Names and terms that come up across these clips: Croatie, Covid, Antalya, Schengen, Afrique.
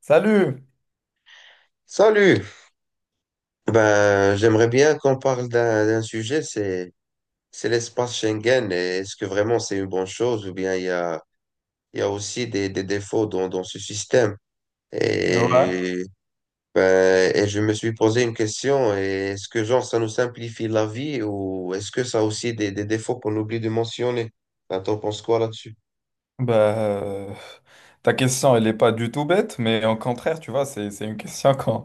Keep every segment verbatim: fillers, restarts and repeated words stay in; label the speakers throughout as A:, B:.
A: Salut!
B: Salut. Ben, j'aimerais bien qu'on parle d'un d'un sujet, c'est c'est l'espace Schengen. Et Est-ce que vraiment c'est une bonne chose ou bien il y a il y a aussi des, des défauts dans dans ce système?
A: Ouais.
B: Et ben, et je me suis posé une question. et Est-ce que genre ça nous simplifie la vie ou est-ce que ça a aussi des des défauts qu'on oublie de mentionner? Ben, t'en penses quoi là-dessus?
A: Bah, euh, Ta question, elle n'est pas du tout bête, mais au contraire, tu vois, c'est, c'est une question qu'on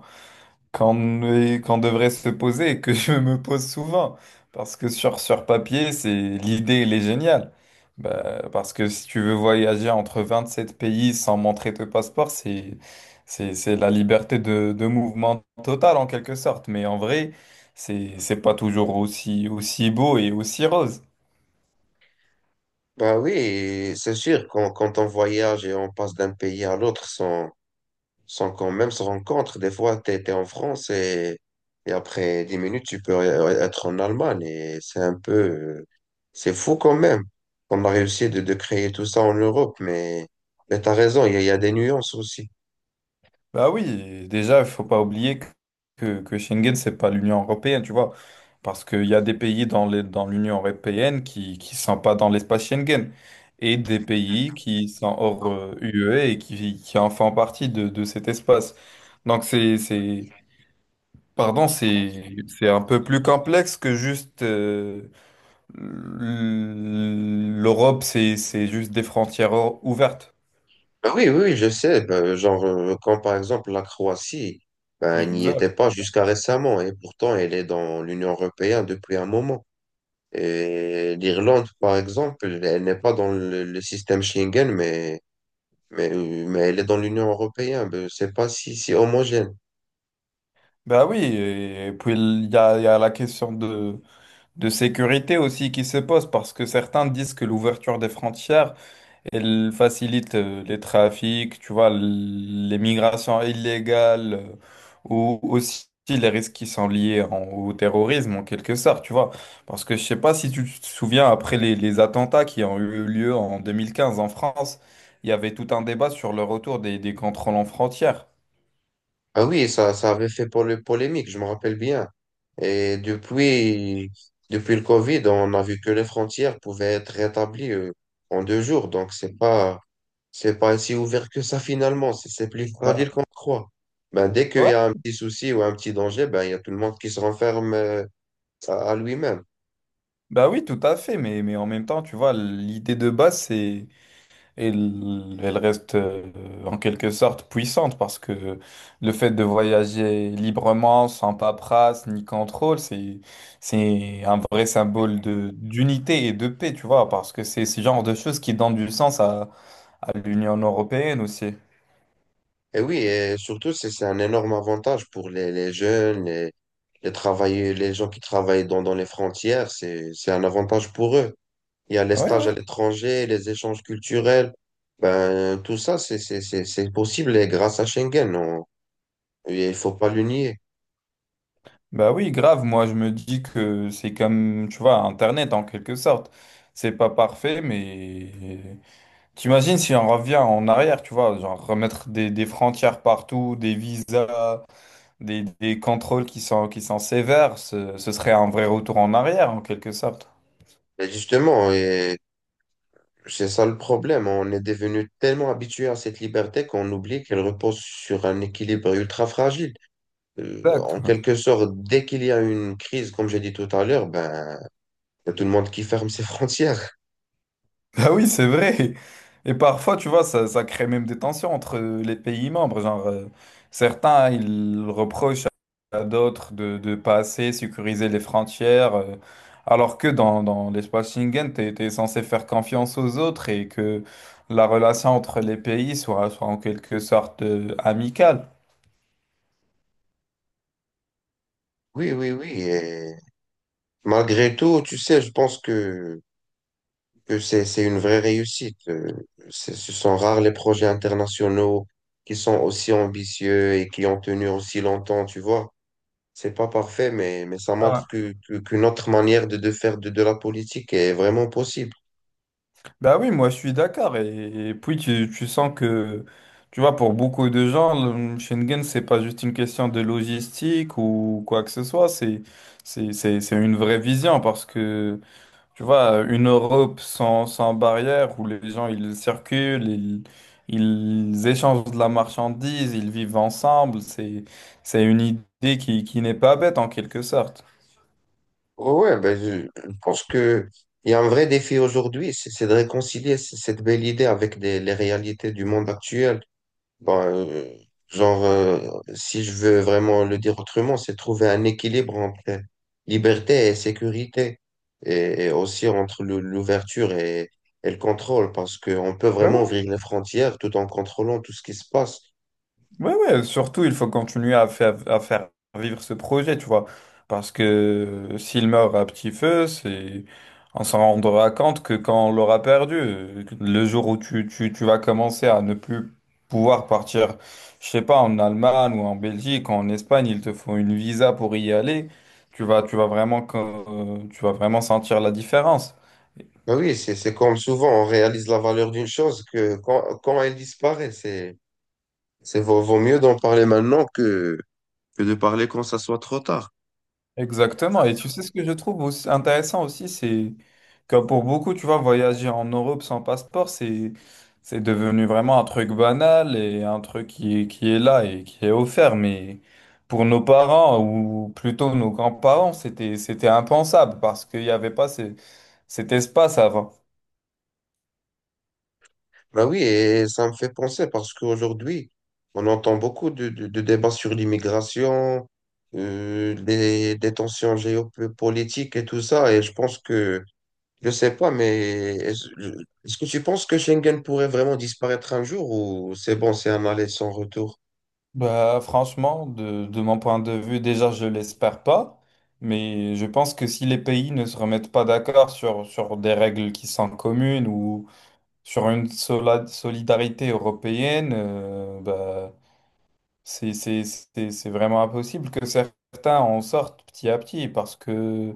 A: qu'on est- qu'on devrait se poser et que je me pose souvent. Parce que sur, sur papier, c'est l'idée, elle est géniale. Bah, parce que si tu veux voyager entre vingt-sept pays sans montrer ton passeport, c'est, c'est, c'est la liberté de, de mouvement totale en quelque sorte. Mais en vrai, c'est, c'est pas toujours aussi, aussi beau et aussi rose.
B: Ben oui, c'est sûr quand quand on voyage et on passe d'un pays à l'autre sans sans qu'on même se rencontre. Des fois, tu es en France et, et après dix minutes, tu peux être en Allemagne. Et c'est un peu... euh, C'est fou quand même. On a réussi de, de créer tout ça en Europe, mais, mais tu as raison, il y, a il y a des nuances aussi.
A: Bah oui, déjà, il faut pas oublier que, que que Schengen, c'est pas l'Union européenne, tu vois. Parce qu'il y a des pays dans les, dans l'Union européenne qui qui sont pas dans l'espace Schengen et des pays qui sont hors euh, U E et qui, qui en font partie de, de cet espace. Donc, c'est, c'est, pardon, c'est, c'est un peu plus complexe que juste euh, l'Europe, c'est, c'est juste des frontières ouvertes.
B: Ben oui, oui, je sais. Ben, genre, euh, quand par exemple la Croatie, ben, n'y était
A: Exact.
B: pas jusqu'à récemment, et pourtant elle est dans l'Union européenne depuis un moment. Et l'Irlande, par exemple, elle n'est pas dans le, le système Schengen, mais Mais, euh, mais elle est dans l'Union européenne. ben, Je sais pas si c'est homogène.
A: Bah oui, et puis il y a, il y a la question de, de sécurité aussi qui se pose parce que certains disent que l'ouverture des frontières, elle facilite euh, les trafics, tu vois, l- les migrations illégales euh, ou aussi les risques qui sont liés en- au terrorisme en quelque sorte, tu vois. Parce que je sais pas si tu te souviens après les, les attentats qui ont eu lieu en deux mille quinze en France, il y avait tout un débat sur le retour des, des contrôles en frontières.
B: Ah oui, ça, ça avait fait pour le polémique, je me rappelle bien. Et depuis, depuis le Covid, on a vu que les frontières pouvaient être rétablies euh, en deux jours. Donc, c'est pas, c'est pas si ouvert que ça finalement. C'est c'est plus
A: Voilà.
B: fragile qu'on croit. Ben, dès qu'il y
A: Ouais,
B: a un petit souci ou un petit danger, ben, il y a tout le monde qui se renferme euh, à à lui-même.
A: bah oui, tout à fait, mais, mais en même temps, tu vois, l'idée de base, c'est Et l- elle reste euh, en quelque sorte puissante parce que le fait de voyager librement, sans paperasse ni contrôle, c'est, c'est un vrai symbole de, d'unité et de paix, tu vois, parce que c'est ce genre de choses qui donnent du sens à, à l'Union européenne aussi.
B: Et oui, et surtout, c'est c'est un énorme avantage pour les, les jeunes, les, les travailleurs, les gens qui travaillent dans, dans les frontières, c'est, c'est un avantage pour eux. Il y a les
A: Oui,
B: stages
A: oui.
B: à l'étranger, les échanges culturels, ben, tout ça, c'est, c'est, c'est, c'est possible et grâce à Schengen, on- et il faut pas le nier.
A: Bah oui, grave. Moi, je me dis que c'est comme, tu vois, Internet en quelque sorte. C'est pas parfait, mais t'imagines si on revient en arrière, tu vois, genre remettre des, des frontières partout, des visas, des, des contrôles qui sont, qui sont sévères, ce, ce serait un vrai retour en arrière en quelque sorte.
B: Et justement, et c'est ça le problème, on est devenu tellement habitué à cette liberté qu'on oublie qu'elle repose sur un équilibre ultra fragile. Euh,
A: Exact.
B: en quelque sorte, dès qu'il y a une crise, comme j'ai dit tout à l'heure, ben, il y a tout le monde qui ferme ses frontières.
A: Ah oui, c'est vrai. Et parfois, tu vois, ça, ça crée même des tensions entre euh, les pays membres. Genre, euh, certains, hein, ils reprochent à d'autres de, de assez sécuriser les frontières, euh, alors que dans, dans l'espace Schengen, t'es, t'es censé faire confiance aux autres et que la relation entre les pays soit, soit en quelque sorte, euh, amicale.
B: Oui, oui, oui. Et malgré tout, tu sais, je pense que, que c'est, c'est une vraie réussite. Euh, c'est- Ce sont rares les projets internationaux qui sont aussi ambitieux et qui ont tenu aussi longtemps, tu vois. C'est pas parfait, mais, mais ça montre
A: Ah,
B: que, que- qu'une autre manière de, de faire de, de la politique est vraiment possible.
A: bah oui, moi je suis d'accord. Et, et puis tu, tu sens que, tu vois, pour beaucoup de gens, le- Schengen, c'est pas juste une question de logistique ou quoi que ce soit, c'est, c'est, c'est, c'est une vraie vision parce que, tu vois, une Europe sans, sans barrière où les gens ils circulent, ils, ils échangent de la marchandise, ils vivent ensemble, c'est, c'est une idée qui, qui n'est pas bête en quelque sorte.
B: Ouais, ben, je, je pense que il y a un vrai défi aujourd'hui, c'est c'est de réconcilier c- cette belle idée avec des- les réalités du monde actuel. Bon, euh, genre, euh, si je veux vraiment le dire autrement, c'est trouver un équilibre entre liberté et sécurité, et, et aussi entre le- l'ouverture et, et le contrôle, parce qu'on peut vraiment ouvrir les frontières tout en contrôlant tout ce qui se passe.
A: Ouais, ouais, surtout, il faut continuer à faire, à faire vivre ce projet, tu vois. Parce que euh, s'il meurt à petit feu, c'est, on s'en rendra compte que quand on l'aura perdu, euh, le jour où tu, tu, tu vas commencer à ne plus pouvoir partir, je sais pas, en Allemagne ou en Belgique, ou en Espagne, il te faut une visa pour y aller, tu vas, tu vas vraiment, co- euh, tu vas vraiment sentir la différence.
B: Ben oui, c'est, c'est comme souvent, on réalise la valeur d'une chose que quand, quand elle disparaît, c'est, c'est vaut, vaut mieux d'en parler maintenant que, que de parler quand ça soit trop tard.
A: Exactement. Et tu sais ce que je trouve aussi intéressant aussi, c'est que pour beaucoup, tu vois, voyager en Europe sans passeport, c'est c'est devenu vraiment un truc banal et un truc qui est, qui est là et qui est offert. Mais pour nos parents ou plutôt nos grands-parents, c'était c'était impensable parce qu'il n'y avait pas ces- cet espace avant.
B: Ben oui, et ça me fait penser parce qu'aujourd'hui, on entend beaucoup de, de- de débats sur l'immigration, euh, des, des tensions géopolitiques et tout ça. Et je pense que, je sais pas, mais est-ce est-ce que tu penses que Schengen pourrait vraiment disparaître un jour ou c'est bon, c'est un aller sans retour?
A: Bah franchement, de, de mon point de vue, déjà, je l'espère pas. Mais je pense que si les pays ne se remettent pas d'accord sur, sur des règles qui sont communes ou sur une sola- solidarité européenne, euh, bah, c'est c'est- c'est- c'est vraiment impossible que certains en sortent petit à petit parce que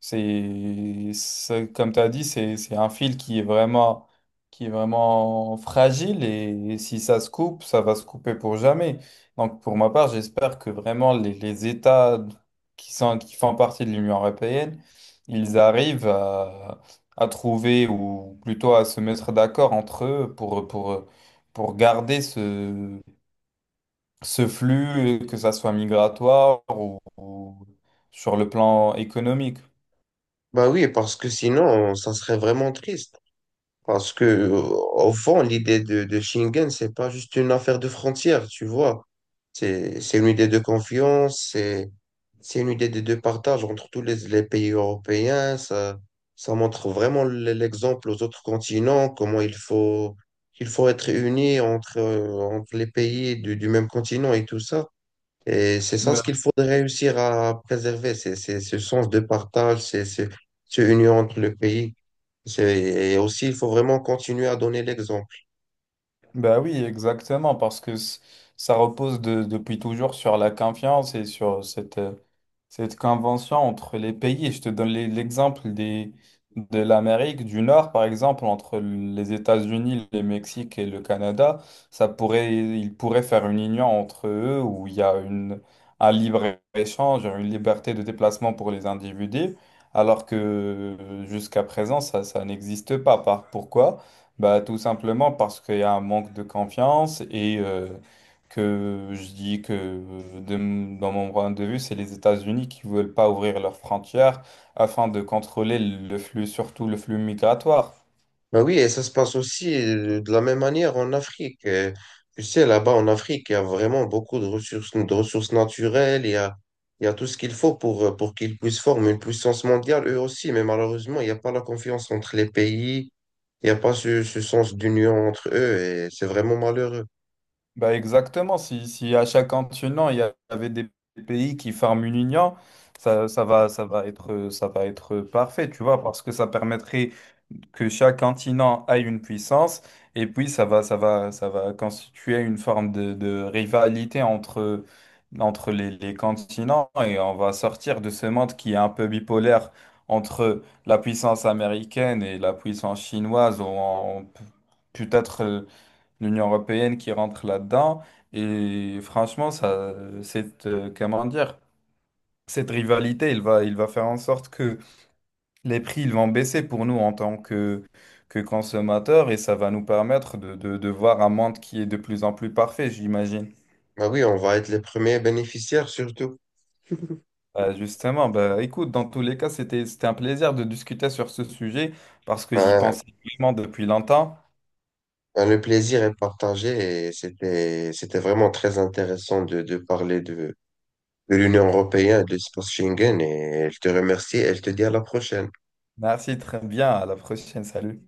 A: c'est, c'est- comme tu as dit, c'est c'est un fil qui est vraiment, qui est vraiment fragile et, si ça se coupe, ça va se couper pour jamais. Donc pour ma part, j'espère que vraiment les, les États qui sont, qui font partie de l'Union européenne, ils arrivent à, à trouver ou plutôt à se mettre d'accord entre eux pour, pour, pour garder ce ce flux, que ça soit migratoire ou, ou sur le plan économique.
B: Ben oui, parce que sinon, ça serait vraiment triste. Parce que, euh, au fond, l'idée de, de Schengen, c'est pas juste une affaire de frontières, tu vois. C'est, c'est une idée de confiance, c'est C'est une idée des deux partages entre tous les, les pays européens. Ça, ça montre vraiment l- l'exemple aux autres continents, comment il faut, il faut être unis entre, euh, entre les pays du, du même continent et tout ça. Et c'est ça ce qu'il
A: Ben,
B: faudrait réussir à préserver, c'est, c'est ce sens de partage, c'est ce, ce union entre le pays. C'est- Et aussi, il faut vraiment continuer à donner l'exemple.
A: ben oui, exactement, parce que c- ça repose de- depuis toujours sur la confiance et sur cette, euh, cette convention entre les pays. Et je te donne les- l'exemple des, de l'Amérique du Nord, par exemple, entre les États-Unis, le Mexique et le Canada. Ça pourrait, ils pourraient faire une union entre eux où il y a une, un libre-échange, une liberté de déplacement pour les individus, alors que euh, jusqu'à présent, ça, ça n'existe pas. Par, pourquoi? Bah, tout simplement parce qu'il y a un manque de confiance et euh, que je dis que de m- dans mon point de vue, c'est les États-Unis qui veulent pas ouvrir leurs frontières afin de contrôler le flux, surtout le flux migratoire.
B: Ben oui, et ça se passe aussi euh, de la même manière en Afrique. Euh, Tu sais, là-bas en Afrique, il y a vraiment beaucoup de ressources, de ressources naturelles. Il y a, il y a tout ce qu'il faut pour, euh, pour qu'ils puissent former une puissance mondiale, eux aussi. Mais malheureusement, il n'y a pas la confiance entre les pays. Il n'y a pas ce, ce sens d'union entre eux. Et c'est vraiment malheureux.
A: Bah exactement, si, si à chaque continent, il y avait des pays qui forment une union, ça, ça va, ça va être, ça va être parfait, tu vois, parce que ça permettrait que chaque continent ait une puissance, et puis ça va, ça va, ça va constituer une forme de, de rivalité entre, entre les, les continents, et on va sortir de ce monde qui est un peu bipolaire entre la puissance américaine et la puissance chinoise, ou en- peut-être euh, l'Union européenne qui rentre là-dedans, et franchement, ça, c'est, euh, comment dire, cette rivalité, il va, il va faire en sorte que les prix ils vont baisser pour nous en tant que, que consommateurs et ça va nous permettre de, de, de voir un monde qui est de plus en plus parfait, j'imagine.
B: Ben oui, on va être les premiers bénéficiaires surtout.
A: Euh, justement, bah, écoute, dans tous les cas, c'était, c'était un plaisir de discuter sur ce sujet parce que j'y
B: Ben,
A: pensais vraiment depuis longtemps.
B: ben, le plaisir est partagé et c'était, c'était vraiment très intéressant de, de parler de, de l'Union européenne, de l'espace Schengen, et elle te remercie, elle te dit à la prochaine.
A: Merci, très bien, à la prochaine, salut.